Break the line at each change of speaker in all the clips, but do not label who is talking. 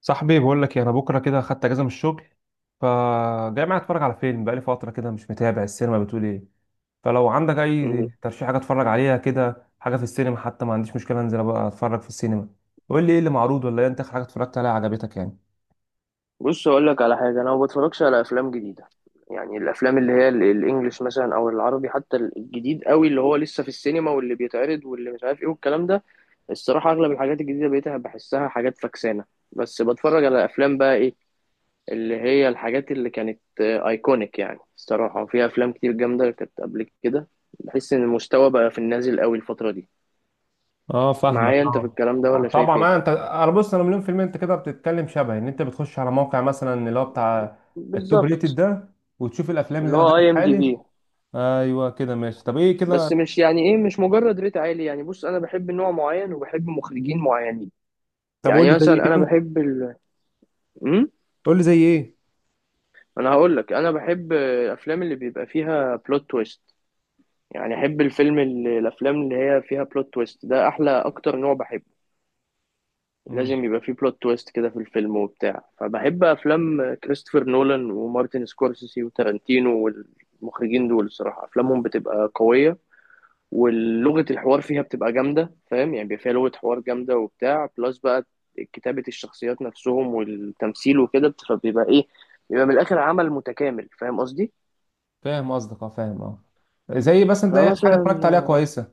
صاحبي بقول لك إيه، انا بكره كده خدت اجازه من الشغل. فجاي معايا اتفرج على فيلم، بقالي فتره كده مش متابع السينما، بتقول ايه؟ فلو عندك
مم.
اي ترشيح حاجه اتفرج عليها كده، حاجه في السينما، حتى ما عنديش مشكله انزل بقى اتفرج في السينما. قول لي ايه اللي معروض، ولا إيه، انت آخر حاجه اتفرجت عليها عجبتك يعني؟
بص اقول لك على حاجه، انا ما بتفرجش على افلام جديده. يعني الافلام اللي هي الانجليش مثلا او العربي، حتى الجديد قوي اللي هو لسه في السينما واللي بيتعرض واللي مش عارف ايه والكلام ده. الصراحه اغلب الحاجات الجديده بقيت بحسها حاجات فكسانه. بس بتفرج على افلام بقى ايه، اللي هي الحاجات اللي كانت ايكونيك يعني، الصراحه وفيها افلام كتير جامده كانت قبل كده. بحس ان المستوى بقى في النازل قوي الفتره دي.
اه فاهمك
معايا انت في
اه.
الكلام ده ولا
طبعا.
شايف ايه؟
انا بص، انا مليون في المية. انت كده بتتكلم شبه ان انت بتخش على موقع مثلا اللي هو بتاع التوب
بالظبط،
ريتد ده، وتشوف الافلام
اللي
اللي واخدة
هو
ريت
اي ام دي
عالي.
بي.
ايوه كده، ماشي. طب ايه كده؟
بس مش يعني ايه، مش مجرد ريت عالي. يعني بص، انا بحب نوع معين وبحب مخرجين معينين.
طب قول لي
يعني
زي ايه
مثلا انا
كده.
بحب ال... امم
قول لي زي ايه.
انا هقول لك، انا بحب الافلام اللي بيبقى فيها بلوت تويست. يعني احب الفيلم اللي... الافلام اللي هي فيها بلوت تويست ده احلى اكتر نوع بحبه. لازم يبقى فيه بلوت تويست كده في الفيلم وبتاع. فبحب افلام كريستوفر نولان ومارتن سكورسيسي وتارانتينو. والمخرجين دول الصراحة افلامهم بتبقى قوية، ولغة الحوار فيها بتبقى جامدة. فاهم يعني، بيبقى فيها لغة حوار جامدة وبتاع، بلس بقى كتابة الشخصيات نفسهم والتمثيل وكده فبيبقى إيه، بيبقى من الآخر عمل متكامل. فاهم قصدي؟
فاهم قصدك اه، فاهم اه. زي مثلا ده اخر حاجه اتفرجت عليها
فمثلا
كويسه.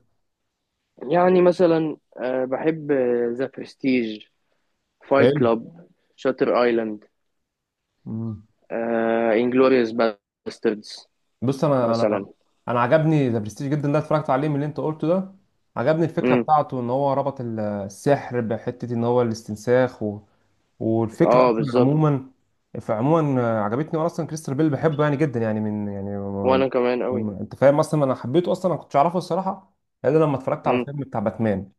يعني مثلا بحب ذا برستيج، فايت
حلو.
كلاب، شاتر ايلاند،
مم.
انجلوريوس باستردز
بص. انا انا
مثلا.
انا عجبني ذا برستيج جدا، ده اتفرجت عليه من اللي انت قلته ده. عجبني الفكره
امم
بتاعته، ان هو ربط السحر بحته، ان هو الاستنساخ والفكره
اه
اصلا
بالظبط.
عموما. فعموما عجبتني. وانا اصلا كريستال بيل بحبه يعني جدا يعني
وانا كمان قوي.
انت فاهم؟ اصلا انا حبيته، اصلا انا كنتش اعرفه الصراحه، الا لما اتفرجت على
امم
فيلم بتاع باتمان.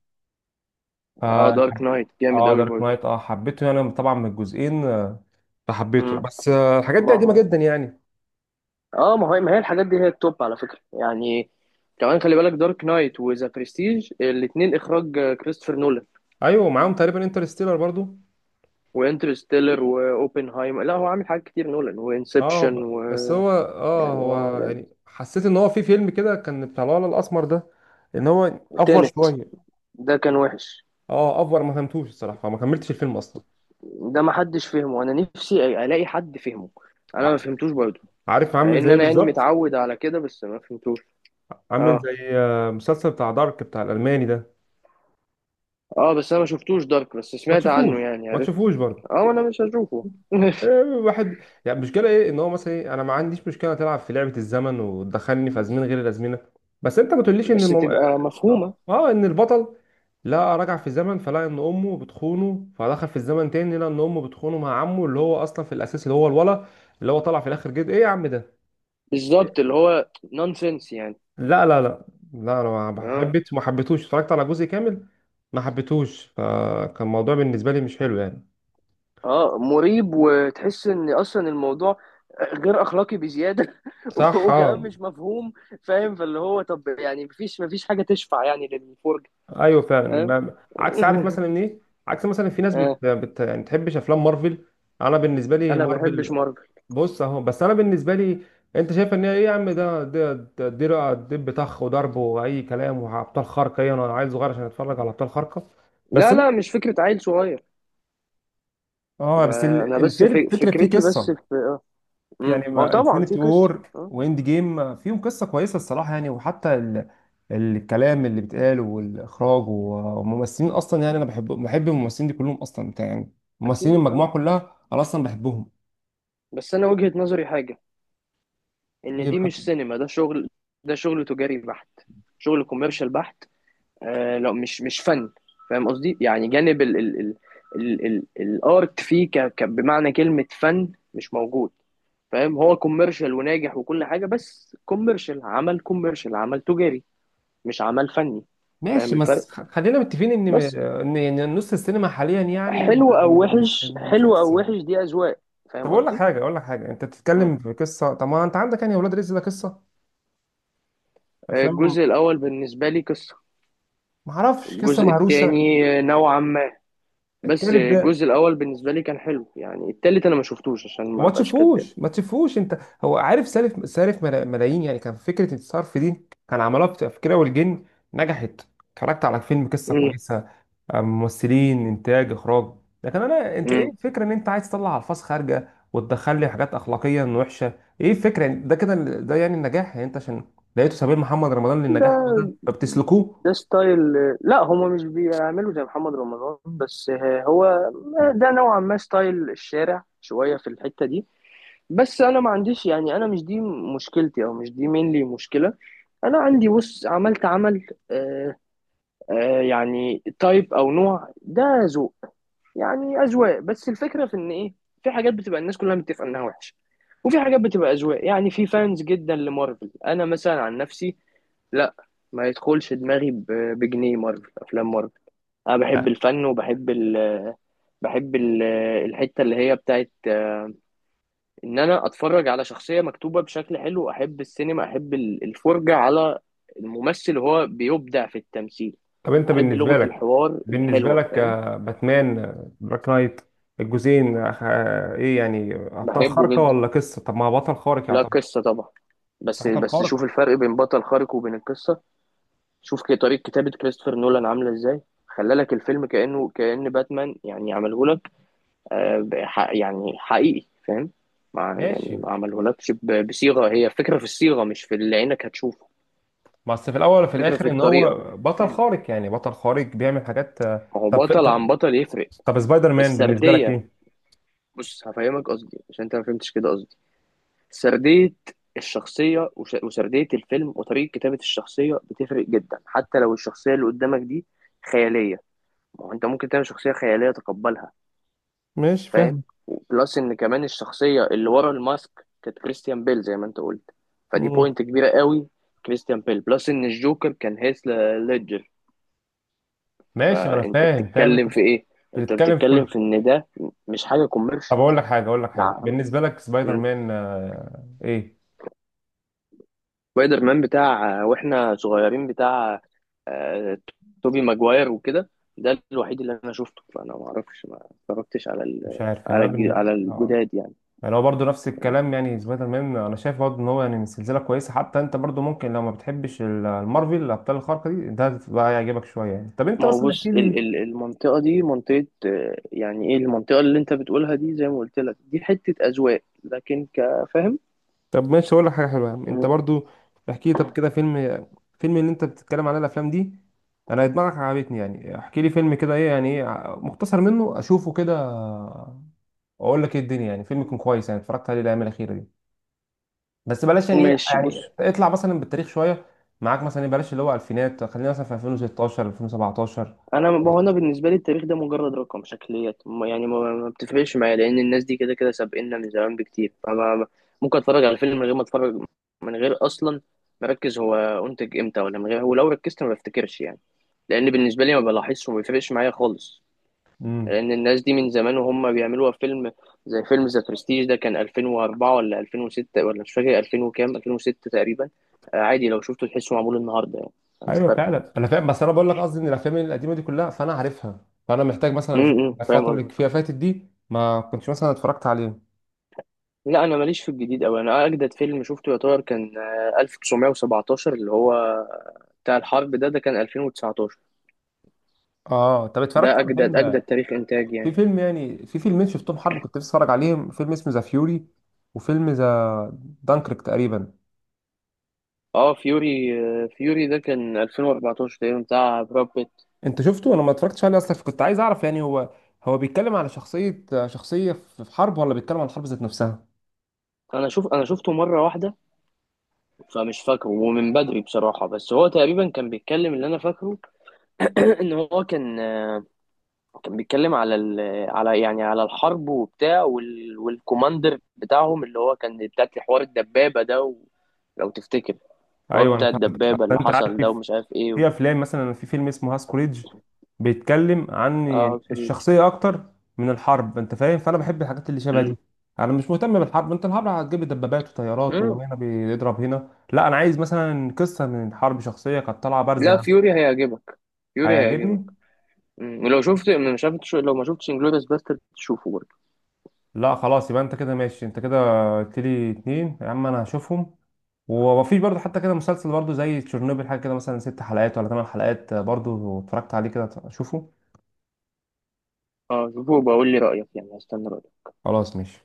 اه،
اه.
دارك نايت جامد قوي
دارك
برضه.
نايت، اه حبيته يعني طبعا من الجزئين فحبيته.
امم
بس الحاجات دي
ما
قديمه
هو
جدا يعني.
اه، ما هي الحاجات دي هي التوب على فكرة يعني. كمان خلي بالك دارك نايت وذا برستيج الاتنين اخراج كريستوفر نولان.
ايوه، معاهم تقريبا انترستيلر برضو.
وانترستيلر واوبنهايمر، لا هو عامل حاجات كتير نولان،
اه،
وانسبشن و...
بس هو اه،
يعني هو
هو
يعني
يعني حسيت ان هو في فيلم كده، كان بتاع الولد الاسمر ده، ان هو افور
تانت،
شويه.
ده كان وحش.
اه افور، ما فهمتوش الصراحه، ما كملتش الفيلم اصلا.
ده ما حدش فهمه. انا نفسي الاقي حد فهمه. انا ما
ع-
فهمتوش برضه.
عارف عامل زي
ان
ايه
انا يعني
بالظبط؟
متعود على كده، بس ما فهمتوش.
عامل
اه.
زي مسلسل بتاع دارك، بتاع الالماني ده.
اه بس انا ما شفتوش دارك، بس
ما
سمعت
تشوفوش
عنه يعني،
ما
عرفت.
تشوفوش برضه.
اه انا مش هشوفه
واحد، يعني مشكلة ايه؟ ان هو مثلا ايه، انا ما عنديش مشكلة تلعب في لعبة الزمن وتدخلني في ازمنة غير الازمنة. بس انت ما تقوليش ان
بس تبقى مفهومة.
اه، ان البطل لقى رجع في الزمن، فلقى ان امه بتخونه، فدخل في الزمن تاني لقى ان امه بتخونه مع عمه اللي هو اصلا في الاساس اللي هو الولا، اللي هو طلع في الاخر جد، ايه يا عم ده!
بالظبط، اللي هو نونسنس يعني.
لا، لا، لا، لا، انا ما
اه.
حبيت ما حبيتهوش اتفرجت على جزء كامل، ما حبيتهوش، فكان الموضوع بالنسبه لي مش حلو يعني.
اه، مريب، وتحس ان اصلا الموضوع غير اخلاقي بزياده
صح
وكمان
اه.
مش مفهوم. فاهم، فاللي هو طب يعني، مفيش حاجه تشفع يعني للفرجه.
ايوه
فاهم.
فعلا، عكس، عارف مثلا ايه؟ عكس مثلا، في ناس
آه.
يعني تحبش افلام مارفل. انا بالنسبه لي
انا ما بحبش
مارفل،
مارفل.
بص اهو. بس انا بالنسبه لي، انت شايف ان هي ايه؟ يا عم، ده ده ده ده دب طخ وضرب واي كلام وابطال خارقه. ايه، انا عيل صغير عشان اتفرج على ابطال خارقه؟ بس
لا
لا.
لا، مش فكره عيل صغير.
اه،
ده
بس
انا بس
الفيلم
في
فكرة، فيه
فكرتي، بس
قصة
في اه، مم.
يعني.
ما هو طبعا في
انفينيتي
قصه،
وور
اه
واند جيم فيهم قصه كويسه الصراحه يعني، وحتى الكلام اللي بيتقال، والاخراج، والممثلين اصلا يعني، انا بحب الممثلين دي كلهم اصلا، بتاع يعني، ممثلين
اكيد اه.
المجموعه كلها انا اصلا بحبهم.
بس انا وجهه نظري حاجه، ان
ايه
دي
بقى؟
مش سينما، ده شغل. ده شغل تجاري بحت، شغل كوميرشال بحت، آه لو مش فن. فاهم قصدي؟ يعني جانب ال الارت فيه، ك ك بمعنى كلمة فن، مش موجود. فاهم، هو كوميرشال وناجح وكل حاجة، بس كوميرشال، عمل كوميرشال، عمل تجاري مش عمل فني. فاهم
ماشي،
الفرق.
بس خلينا متفقين ان
بس
ان إن يعني نص السينما حاليا يعني
حلو او وحش،
مش
حلو او
قصه.
وحش، دي اذواق.
طب
فاهم
اقول لك
قصدي.
حاجه، اقول لك حاجه، انت
مم.
بتتكلم في قصه، طب ما انت عندك يعني ولاد رزق ده قصه، افلام.
الجزء الاول بالنسبة لي قصة،
ما اعرفش، قصه
الجزء
مهروسه.
التاني نوعا ما. بس
التالت ده،
الجزء الاول بالنسبة لي كان حلو يعني. التالت انا ما شفتوش، عشان ما
وما
بقاش كداب.
تشوفوش ما تشوفوش انت. هو عارف، سالف ملايين يعني، كان فكره الصرف دي كان عملوها في كده، والجن نجحت. اتفرجت على فيلم قصه
مم.
كويسه، ممثلين، انتاج، اخراج، لكن انا، انت ايه
مم.
الفكره ان انت عايز تطلع الفاظ خارجه وتدخل لي حاجات اخلاقيا وحشه؟ ايه الفكره يعني ده كده؟ ده يعني النجاح يعني؟ انت عشان لقيته سبيل محمد رمضان للنجاح، هو
ده
ده فبتسلكوه؟
ده ستايل. لا هما مش بيعملوا زي محمد رمضان بس هو. ده نوعا ما ستايل الشارع شوية في الحتة دي. بس أنا ما عنديش يعني، أنا مش دي مشكلتي، أو مش دي مينلي مشكلة. أنا عندي، بص، عملت عمل آه، آه يعني تايب أو نوع، ده ذوق. يعني أذواق. بس الفكرة في إن إيه، في حاجات بتبقى الناس كلها متفقة إنها وحشة، وفي حاجات بتبقى أذواق. يعني في فانز جدا لمارفل، أنا مثلا عن نفسي، لا، ما يدخلش دماغي بجنيه مارفل، افلام مارفل. انا بحب الفن، وبحب ال بحب ال الحته اللي هي بتاعت ان انا اتفرج على شخصيه مكتوبه بشكل حلو. احب السينما، احب الفرجه على الممثل وهو بيبدع في التمثيل.
طب انت
احب
بالنسبه
لغه
لك،
الحوار
بالنسبه
الحلوه،
لك
فاهم.
باتمان، دارك نايت، الجزئين ايه يعني، ابطال
بحبه
خارقه
جدا.
ولا قصه؟ طب ما هو بطل خارق
لا
يعتبر،
قصه طبعا.
بس
بس
بطل
بس شوف
خارق.
الفرق بين بطل خارق وبين القصه. شوف طريقه كتابه كريستوفر نولان عامله ازاي. خلى لك الفيلم كانه كان باتمان يعني، عمله يعني حقيقي، فاهم. مع يعني،
ماشي،
ما عملهولكش بصيغة، هي فكرة في الصيغة مش في اللي عينك هتشوفه.
بس في الاول وفي
فكرة في
الاخر ان هو
الطريقة.
بطل خارق، يعني بطل خارق بيعمل حاجات
ما هو
طب.
بطل عن
طب
بطل يفرق.
طب سبايدر مان بالنسبه لك
السردية.
ايه؟
بص هفهمك قصدي عشان انت ما فهمتش كده قصدي. سردية الشخصية، وسردية الفيلم وطريقة كتابة الشخصية بتفرق جدا، حتى لو الشخصية اللي قدامك دي خيالية. ما هو انت ممكن تعمل شخصية خيالية تقبلها.
ماشي،
فاهم.
فاهم.
بلس ان كمان الشخصيه اللي ورا الماسك كانت كريستيان بيل زي ما انت قلت، فدي
مم.
بوينت كبيره قوي. كريستيان بيل، بلس ان الجوكر كان هيث ليدجر.
ماشي، انا
فانت
فاهم، فاهم. انت
بتتكلم في ايه، انت
بتتكلم في
بتتكلم
كل.
في ان ده مش حاجه كوميرش.
طب اقول لك حاجه، اقول لك
ده
حاجه،
عم-
بالنسبه لك سبايدر
مم.
مان ايه؟
سبايدر مان بتاع واحنا صغيرين، بتاع آه، توبي ماجواير وكده، ده الوحيد اللي انا شفته. فانا ما اعرفش، ما اتفرجتش على
مش عارف يعني،
على
انا
على
آه.
الجداد يعني.
يعني هو برضه نفس الكلام يعني، سبايدر مان انا شايف برضه ان هو يعني من سلسله كويسه، حتى انت برضه ممكن لو ما بتحبش المارفل الابطال الخارقه دي، ده بقى يعجبك شويه يعني. طب انت
ما هو
مثلا
بص،
احكي لي.
المنطقة دي منطقة يعني ايه، المنطقة اللي انت بتقولها دي زي ما قلت لك، دي حتة أذواق، لكن كفاهم.
طب ماشي، اقول لك حاجه حلوه يا عم. انت
مم.
برضه احكي لي طب كده فيلم، فيلم اللي انت بتتكلم عليه، الافلام دي، انا دماغك عجبتني يعني. احكي لي فيلم كده، ايه يعني؟ ايه مقتصر منه اشوفه كده؟ اقول لك ايه الدنيا، يعني فيلم يكون كويس يعني، اتفرجت عليه الايام الاخيره دي، بس بلاش يعني ايه،
ماشي.
يعني
بص
اطلع مثلا بالتاريخ شويه معاك، مثلا إيه، بلاش اللي هو الفينات، خلينا مثلا في 2016 2017.
انا، ما هو انا بالنسبة لي التاريخ ده مجرد رقم، شكليات يعني ما بتفرقش معايا، لأن الناس دي كده كده سابقنا من زمان بكتير. فما ممكن اتفرج على فيلم من غير ما اتفرج، من غير اصلا مركز هو انتج امتى، ولا من غير، ولو ركزت ما بفتكرش يعني، لأن بالنسبة لي ما بلاحظش وما بيفرقش معايا خالص.
امم،
لان الناس دي من زمان وهم بيعملوها فيلم. زي فيلم ذا برستيج، ده كان 2004 ولا 2006، ولا مش فاكر، 2000 وكام، 2006 تقريبا. عادي لو شفته تحسه معمول النهارده يعني. مش
ايوه
فارقه.
فعلا، انا فاهم. بس انا بقول لك قصدي، ان الافلام القديمه دي كلها فانا عارفها، فانا محتاج مثلا في
فاهم
الفتره اللي
قصدي.
فيها فاتت دي ما كنتش مثلا اتفرجت عليه.
لا انا ماليش في الجديد قوي. انا اجدد فيلم شفته يعتبر كان 1917 اللي هو بتاع الحرب ده، ده كان 2019.
اه، طب اتفرجت
ده
على
اجدد اجدد
فيلم،
تاريخ انتاج
في
يعني.
فيلم يعني، في فيلمين شفتهم حرب كنت بتفرج عليهم، فيلم اسمه ذا فيوري، وفيلم ذا دانكريك تقريبا.
اه فيوري، فيوري ده كان 2014 تقريبا، بتاع براد بيت.
انت شفته؟ انا ما اتفرجتش عليه اصلا، فكنت عايز اعرف يعني، هو بيتكلم على شخصية في حرب، ولا بيتكلم عن الحرب ذات نفسها؟
انا شوف، انا شفته مره واحده، فمش فاكره ومن بدري بصراحة. بس هو تقريبا كان بيتكلم، اللي أنا فاكره إن هو كان، كان بيتكلم على ال... على يعني على الحرب وبتاع، وال... والكوماندر بتاعهم اللي هو كان بتاعت حوار الدبابة ده و... لو تفتكر الحوار
ايوه انا
بتاع
فهمت. اصل
الدبابة اللي
انت عارف،
حصل ده
في
ومش عارف إيه و...
في افلام مثلا، في فيلم اسمه هاسكوريدج بيتكلم عن يعني
آه فريد.
الشخصيه اكتر من الحرب، انت فاهم؟ فانا بحب الحاجات اللي شبه
مم.
دي. انا مش مهتم بالحرب، انت الحرب هتجيب لي دبابات وطيارات
مم.
وهنا بيضرب هنا، لا، انا عايز مثلا قصه من حرب، شخصيه كانت طالعه بارزه
لا
يعني.
فيوري هيعجبك. فيوري هيعجبك.
هيعجبني؟
مم. ولو شفت، مش عارف، لو ما شفتش انجلوريس باسترد تشوفه برضه.
لا خلاص، يبقى انت كده ماشي. انت كده قلت لي اتنين يا عم، انا هشوفهم. ومفيش برضه حتى كده مسلسل برضه زي تشيرنوبل، حاجة كده مثلا ست حلقات ولا ثمان حلقات برضه اتفرجت عليه كده شوفه.
اه شوفه وبقول لي رأيك يعني، هستنى رأيك.
خلاص ماشي.